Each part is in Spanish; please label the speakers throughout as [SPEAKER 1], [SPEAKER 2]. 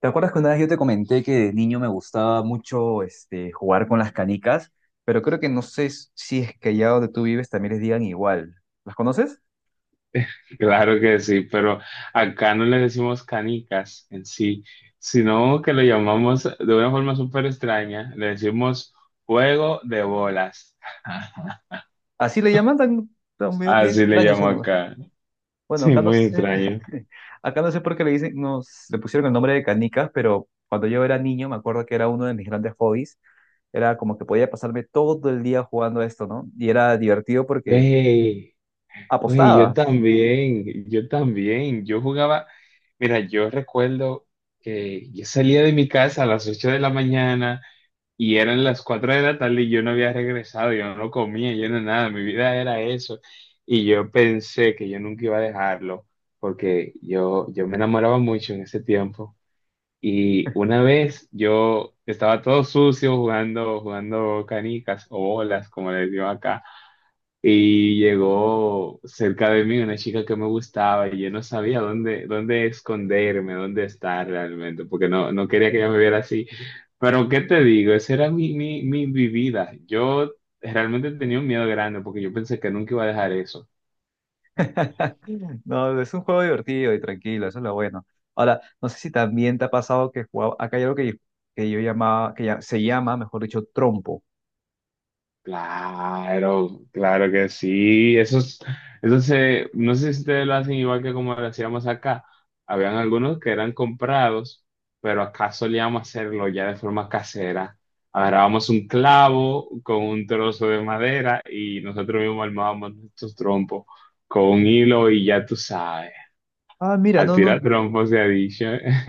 [SPEAKER 1] ¿Te acuerdas que una vez yo te comenté que de niño me gustaba mucho jugar con las canicas? Pero creo que no sé si es que allá donde tú vives también les digan igual. ¿Las conoces?
[SPEAKER 2] Claro que sí, pero acá no le decimos canicas en sí, sino que lo llamamos de una forma súper extraña, le decimos juego de bolas.
[SPEAKER 1] Así le llaman, tan medio, medio
[SPEAKER 2] Así le
[SPEAKER 1] extraño ese
[SPEAKER 2] llamo
[SPEAKER 1] nombre.
[SPEAKER 2] acá.
[SPEAKER 1] Bueno,
[SPEAKER 2] Sí,
[SPEAKER 1] acá no
[SPEAKER 2] muy
[SPEAKER 1] sé,
[SPEAKER 2] extraño.
[SPEAKER 1] acá no sé por qué le dicen, nos le pusieron el nombre de canicas, pero cuando yo era niño me acuerdo que era uno de mis grandes hobbies. Era como que podía pasarme todo el día jugando a esto, ¿no? Y era divertido porque
[SPEAKER 2] Wey, wey, yo
[SPEAKER 1] apostabas.
[SPEAKER 2] también, yo jugaba, mira, yo recuerdo que yo salía de mi casa a las 8 de la mañana. Y eran las 4 de la tarde y yo no había regresado, yo no comía, yo no nada, mi vida era eso. Y yo pensé que yo nunca iba a dejarlo, porque yo me enamoraba mucho en ese tiempo. Y una vez yo estaba todo sucio jugando canicas o bolas, como les digo acá. Y llegó cerca de mí una chica que me gustaba y yo no sabía dónde esconderme, dónde estar realmente, porque no, no quería que ella me viera así. Pero, ¿qué te digo? Esa era mi, mi, mi, mi vida. Yo realmente tenía un miedo grande porque yo pensé que nunca iba a dejar eso.
[SPEAKER 1] No, es un juego divertido y tranquilo, eso es lo bueno. Ahora, no sé si también te ha pasado que jugaba, acá hay algo que yo llamaba, se llama, mejor dicho, trompo.
[SPEAKER 2] Claro, claro que sí. No sé si ustedes lo hacen igual que como lo hacíamos acá. Habían algunos que eran comprados, pero acá solíamos hacerlo ya de forma casera. Agarrábamos un clavo con un trozo de madera y nosotros mismos armábamos nuestros trompos con un hilo y ya tú sabes.
[SPEAKER 1] Ah, mira,
[SPEAKER 2] A
[SPEAKER 1] no,
[SPEAKER 2] tirar
[SPEAKER 1] no,
[SPEAKER 2] trompos se ha dicho.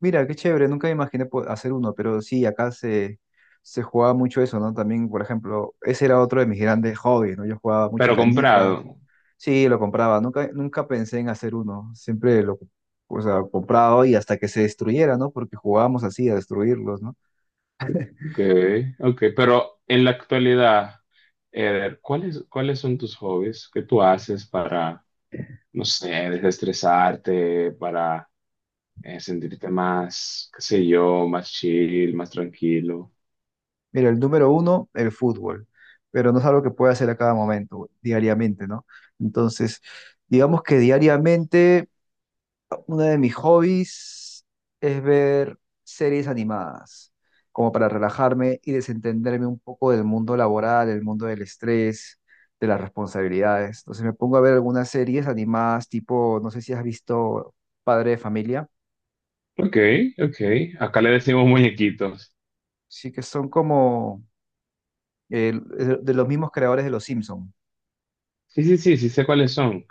[SPEAKER 1] mira, qué chévere, nunca me imaginé hacer uno, pero sí, se jugaba mucho eso, ¿no? También, por ejemplo, ese era otro de mis grandes hobbies, ¿no? Yo jugaba mucho
[SPEAKER 2] Pero comprado.
[SPEAKER 1] canicas, sí, lo compraba, nunca, nunca pensé en hacer uno, siempre lo, o sea, compraba y hasta que se destruyera, ¿no? Porque jugábamos así, a destruirlos, ¿no?
[SPEAKER 2] Ok, ok, pero en la actualidad, Eder, ¿cuáles son tus hobbies? ¿Qué tú haces para, no sé, desestresarte, para sentirte más, qué sé yo, más chill, más tranquilo?
[SPEAKER 1] Mira, el número uno, el fútbol, pero no es algo que pueda hacer a cada momento, diariamente, ¿no? Entonces, digamos que diariamente uno de mis hobbies es ver series animadas, como para relajarme y desentenderme un poco del mundo laboral, del mundo del estrés, de las responsabilidades. Entonces me pongo a ver algunas series animadas, tipo, no sé si has visto Padre de Familia,
[SPEAKER 2] Ok, ok, acá le decimos muñequitos.
[SPEAKER 1] sí que son como de los mismos creadores de Los Simpson,
[SPEAKER 2] Sí, sí, sí, sí sé cuáles son.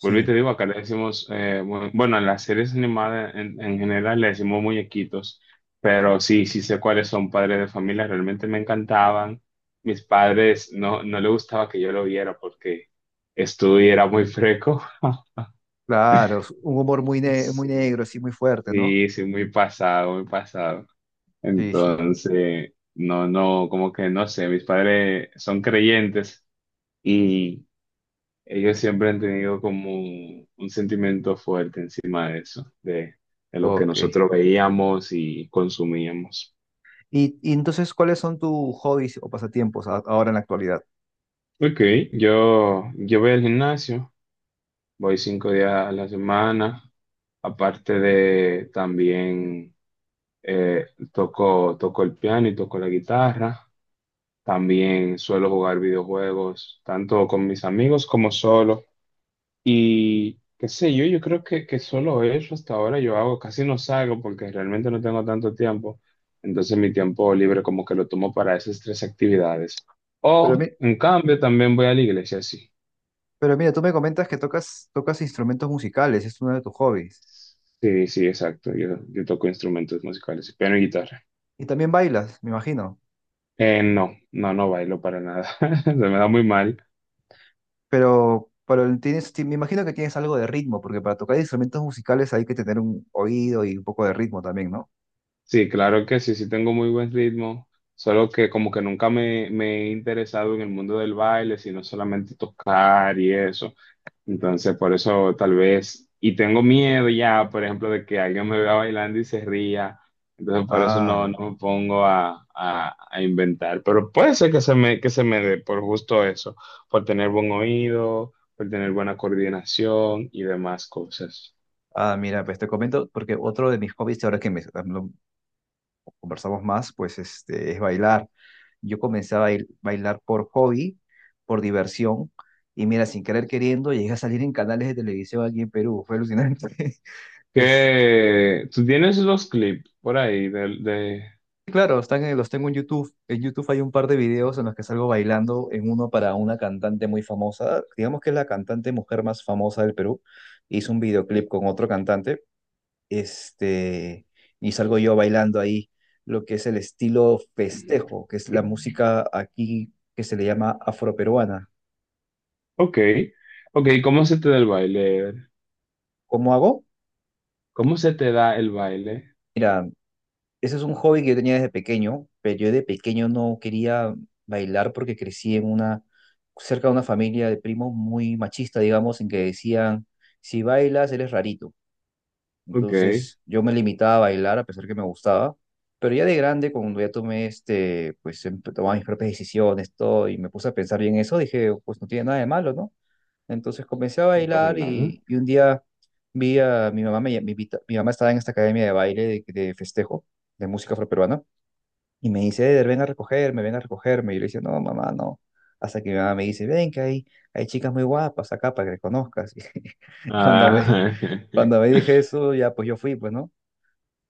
[SPEAKER 2] Vuelvo y te digo, acá le decimos, bueno, en las series animadas en general le decimos muñequitos, pero sí, sí sé cuáles son padres de familia, realmente me encantaban. Mis padres no, no le gustaba que yo lo viera porque estudio era muy freco.
[SPEAKER 1] Claro, es un humor muy, muy
[SPEAKER 2] Sí,
[SPEAKER 1] negro, así muy fuerte, ¿no?
[SPEAKER 2] sí, sí, muy pasado, muy pasado.
[SPEAKER 1] Sí, sí,
[SPEAKER 2] Entonces, no, no, como que no sé, mis padres son creyentes y ellos siempre han tenido como un sentimiento fuerte encima de eso, de lo que
[SPEAKER 1] ok.
[SPEAKER 2] nosotros veíamos y consumíamos.
[SPEAKER 1] Y entonces, ¿cuáles son tus hobbies o pasatiempos ahora en la actualidad?
[SPEAKER 2] Ok, yo voy al gimnasio, voy 5 días a la semana, aparte de también eh, toco el piano y toco la guitarra, también suelo jugar videojuegos, tanto con mis amigos como solo. Y qué sé yo, yo creo que solo eso hasta ahora yo hago, casi no salgo porque realmente no tengo tanto tiempo. Entonces mi tiempo libre como que lo tomo para esas tres actividades.
[SPEAKER 1] Pero,
[SPEAKER 2] O en cambio también voy a la iglesia, sí.
[SPEAKER 1] pero mira, tú me comentas que tocas, tocas instrumentos musicales, es uno de tus hobbies.
[SPEAKER 2] Sí, sí, exacto. Yo toco instrumentos musicales, piano y guitarra.
[SPEAKER 1] Y también bailas, me imagino.
[SPEAKER 2] No, no, no bailo para nada. Se me da muy mal.
[SPEAKER 1] Pero tienes, me imagino que tienes algo de ritmo, porque para tocar instrumentos musicales hay que tener un oído y un poco de ritmo también, ¿no?
[SPEAKER 2] Sí, claro que sí, sí tengo muy buen ritmo. Solo que como que nunca me he interesado en el mundo del baile, sino solamente tocar y eso. Entonces, por eso tal vez, y tengo miedo ya, por ejemplo, de que alguien me vea bailando y se ría. Entonces, por eso no,
[SPEAKER 1] Ah,
[SPEAKER 2] no me pongo a inventar. Pero puede ser que se me dé por justo eso, por tener buen oído, por tener buena coordinación y demás cosas.
[SPEAKER 1] ah, mira, pues te comento, porque otro de mis hobbies, ahora que me, conversamos más, pues es bailar. Yo comencé a bailar por hobby, por diversión, y mira, sin querer queriendo, llegué a salir en canales de televisión aquí en Perú, fue alucinante. Es,
[SPEAKER 2] ¿Qué? ¿Tú tienes los clips por ahí del de.
[SPEAKER 1] sí, claro, los tengo en YouTube. En YouTube hay un par de videos en los que salgo bailando, en uno para una cantante muy famosa, digamos que es la cantante mujer más famosa del Perú. Hizo un videoclip con otro cantante este, y salgo yo bailando ahí lo que es el estilo festejo, que es la música aquí que se le llama afroperuana.
[SPEAKER 2] Ok, ok, ¿cómo se te da el baile?
[SPEAKER 1] ¿Cómo hago?
[SPEAKER 2] ¿Cómo se te da el baile?
[SPEAKER 1] Ese es un hobby que yo tenía desde pequeño, pero yo de pequeño no quería bailar porque crecí en una, cerca de una familia de primos muy machista, digamos, en que decían, si bailas eres rarito.
[SPEAKER 2] Ok,
[SPEAKER 1] Entonces yo me limitaba a bailar a pesar que me gustaba, pero ya de grande, cuando ya tomé pues tomaba mis propias decisiones, todo, y me puse a pensar bien eso, dije, pues no tiene nada de malo, ¿no? Entonces comencé a
[SPEAKER 2] no para
[SPEAKER 1] bailar
[SPEAKER 2] nada.
[SPEAKER 1] y un día vi a mi mamá, me, mi mamá estaba en esta academia de baile de festejo, de música afroperuana, y me dice, Eder, ven a recogerme, y yo le decía, no, mamá, no. Hasta que mi mamá me dice, ven que hay chicas muy guapas acá para que conozcas. Y
[SPEAKER 2] Ah,
[SPEAKER 1] cuando me dije eso, ya pues yo fui, pues, ¿no?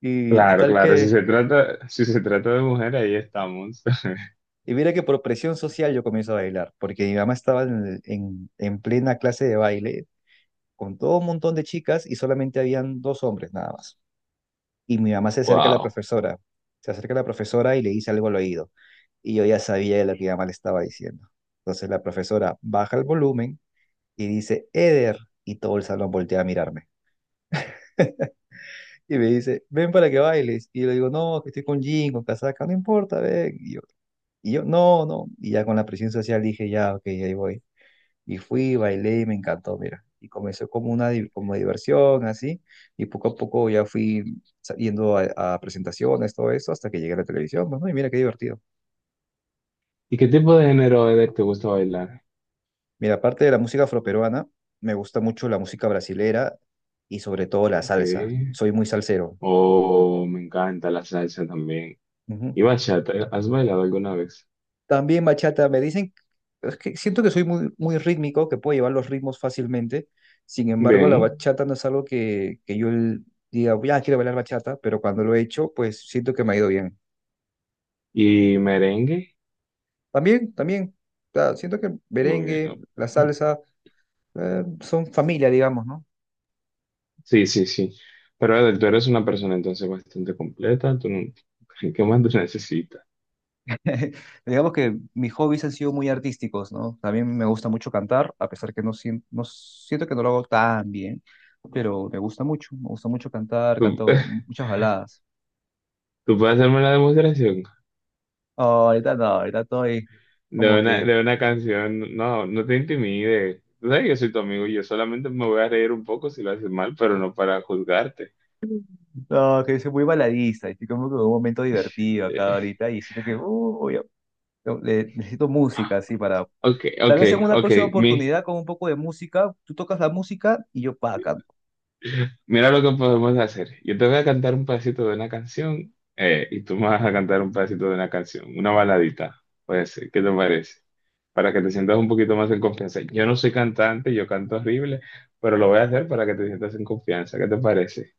[SPEAKER 1] Y
[SPEAKER 2] claro,
[SPEAKER 1] total
[SPEAKER 2] claro, si
[SPEAKER 1] que,
[SPEAKER 2] se trata, si se trata de mujer, ahí estamos.
[SPEAKER 1] y mira que por presión social yo comienzo a bailar, porque mi mamá estaba en plena clase de baile con todo un montón de chicas y solamente habían dos hombres nada más. Y mi mamá se acerca a la
[SPEAKER 2] Wow.
[SPEAKER 1] profesora, se acerca a la profesora y le dice algo al oído. Y yo ya sabía de lo que mi mamá le estaba diciendo. Entonces la profesora baja el volumen y dice, Eder, y todo el salón voltea a mirarme. Y me dice, ven para que bailes. Y yo le digo, no, que estoy con jean, con casaca, no importa, ven. Y yo, no, no. Y ya con la presión social dije, ya, ok, ahí voy. Y fui, bailé y me encantó, mira. Y comenzó como una como diversión, así. Y poco a poco ya fui yendo a presentaciones, todo eso, hasta que llegué a la televisión. Bueno, y mira qué divertido.
[SPEAKER 2] ¿Y qué tipo de género es te gusta bailar?
[SPEAKER 1] Mira, aparte de la música afroperuana, me gusta mucho la música brasilera y sobre todo la
[SPEAKER 2] Ok.
[SPEAKER 1] salsa. Soy muy salsero.
[SPEAKER 2] Oh, me encanta la salsa también.
[SPEAKER 1] Ujú.
[SPEAKER 2] ¿Y bachata? ¿Has bailado alguna vez?
[SPEAKER 1] También bachata, me dicen, es que siento que soy muy, muy rítmico, que puedo llevar los ritmos fácilmente. Sin embargo, la
[SPEAKER 2] Bien.
[SPEAKER 1] bachata no es algo que yo diga, ya quiero bailar bachata, pero cuando lo he hecho, pues siento que me ha ido bien.
[SPEAKER 2] ¿Y merengue?
[SPEAKER 1] También, también, o sea, siento que el
[SPEAKER 2] Muy bien.
[SPEAKER 1] merengue, la salsa, son familia, digamos, ¿no?
[SPEAKER 2] Sí, sí, sí. Pero Edel, tú eres una persona entonces bastante completa. Tú no- ¿Qué más tú necesitas?
[SPEAKER 1] Digamos que mis hobbies han sido muy artísticos, ¿no? También me gusta mucho cantar, a pesar que no, no siento que no lo hago tan bien, pero me gusta mucho cantar,
[SPEAKER 2] ¿Tú,
[SPEAKER 1] canto muchas baladas.
[SPEAKER 2] tú puedes hacerme la demostración?
[SPEAKER 1] Oh, ahorita no, ahorita estoy
[SPEAKER 2] De
[SPEAKER 1] como
[SPEAKER 2] una,
[SPEAKER 1] que,
[SPEAKER 2] de una canción, no, no te intimides. Tú sabes que yo soy tu amigo y yo solamente me voy a reír un poco si lo haces mal, pero no para juzgarte.
[SPEAKER 1] no, que soy muy baladiza, estoy como que en un momento divertido acá
[SPEAKER 2] Eh,
[SPEAKER 1] ahorita y siento que, no, necesito música así para,
[SPEAKER 2] ok,
[SPEAKER 1] tal
[SPEAKER 2] ok,
[SPEAKER 1] vez en una
[SPEAKER 2] ok.
[SPEAKER 1] próxima oportunidad con un poco de música, tú tocas la música y yo pa' acá.
[SPEAKER 2] Mira lo que podemos hacer. Yo te voy a cantar un pedacito de una canción y tú me vas a cantar un pedacito de una canción, una baladita. Puede ser, ¿qué te parece? Para que te sientas un poquito más en confianza. Yo no soy cantante, yo canto horrible, pero lo voy a hacer para que te sientas en confianza. ¿Qué te parece?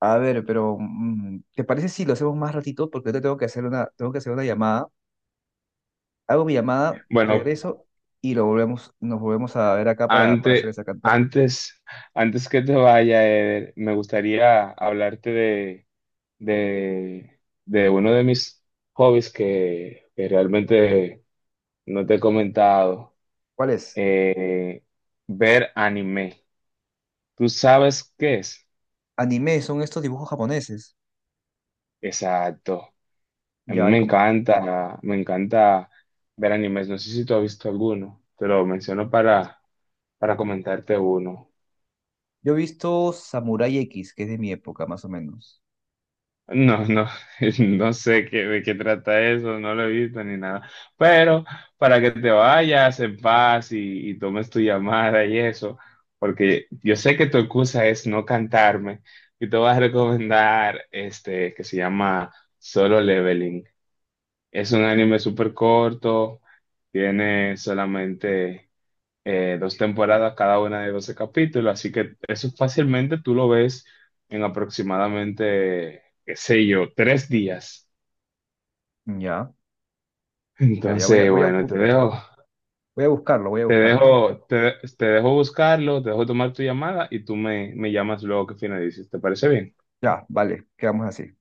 [SPEAKER 1] A ver, pero ¿te parece si lo hacemos más ratito? Porque ahorita tengo que hacer una, tengo que hacer una llamada. Hago mi llamada,
[SPEAKER 2] Bueno,
[SPEAKER 1] regreso y lo volvemos, nos volvemos a ver acá para
[SPEAKER 2] Antes,
[SPEAKER 1] hacer esa cantada.
[SPEAKER 2] antes, antes que te vaya, Eder, me gustaría hablarte de, de uno de mis hobbies que realmente no te he comentado,
[SPEAKER 1] ¿Cuál es?
[SPEAKER 2] eh, ver anime. ¿Tú sabes qué es?
[SPEAKER 1] Anime, son estos dibujos japoneses.
[SPEAKER 2] Exacto. A mí
[SPEAKER 1] Ya, ahí
[SPEAKER 2] me encanta ver animes. No sé si tú has visto alguno. Te lo menciono para comentarte uno.
[SPEAKER 1] yo he visto Samurai X, que es de mi época, más o menos.
[SPEAKER 2] No, no, no sé qué, de qué trata eso, no lo he visto ni nada. Pero para que te vayas en paz y tomes tu llamada y eso, porque yo sé que tu excusa es no cantarme y te voy a recomendar este que se llama Solo Leveling. Es un anime súper corto, tiene solamente dos temporadas, cada una de 12 capítulos, así que eso fácilmente tú lo ves en aproximadamente, qué sé yo, 3 días.
[SPEAKER 1] Ya, ya, ya voy a,
[SPEAKER 2] Entonces,
[SPEAKER 1] voy a,
[SPEAKER 2] bueno, te dejo,
[SPEAKER 1] voy a buscarlo, voy a
[SPEAKER 2] te
[SPEAKER 1] buscarlo.
[SPEAKER 2] dejo, te, te dejo buscarlo, te dejo tomar tu llamada y tú me llamas luego que finalices. ¿Te parece bien?
[SPEAKER 1] Ya, vale, quedamos así.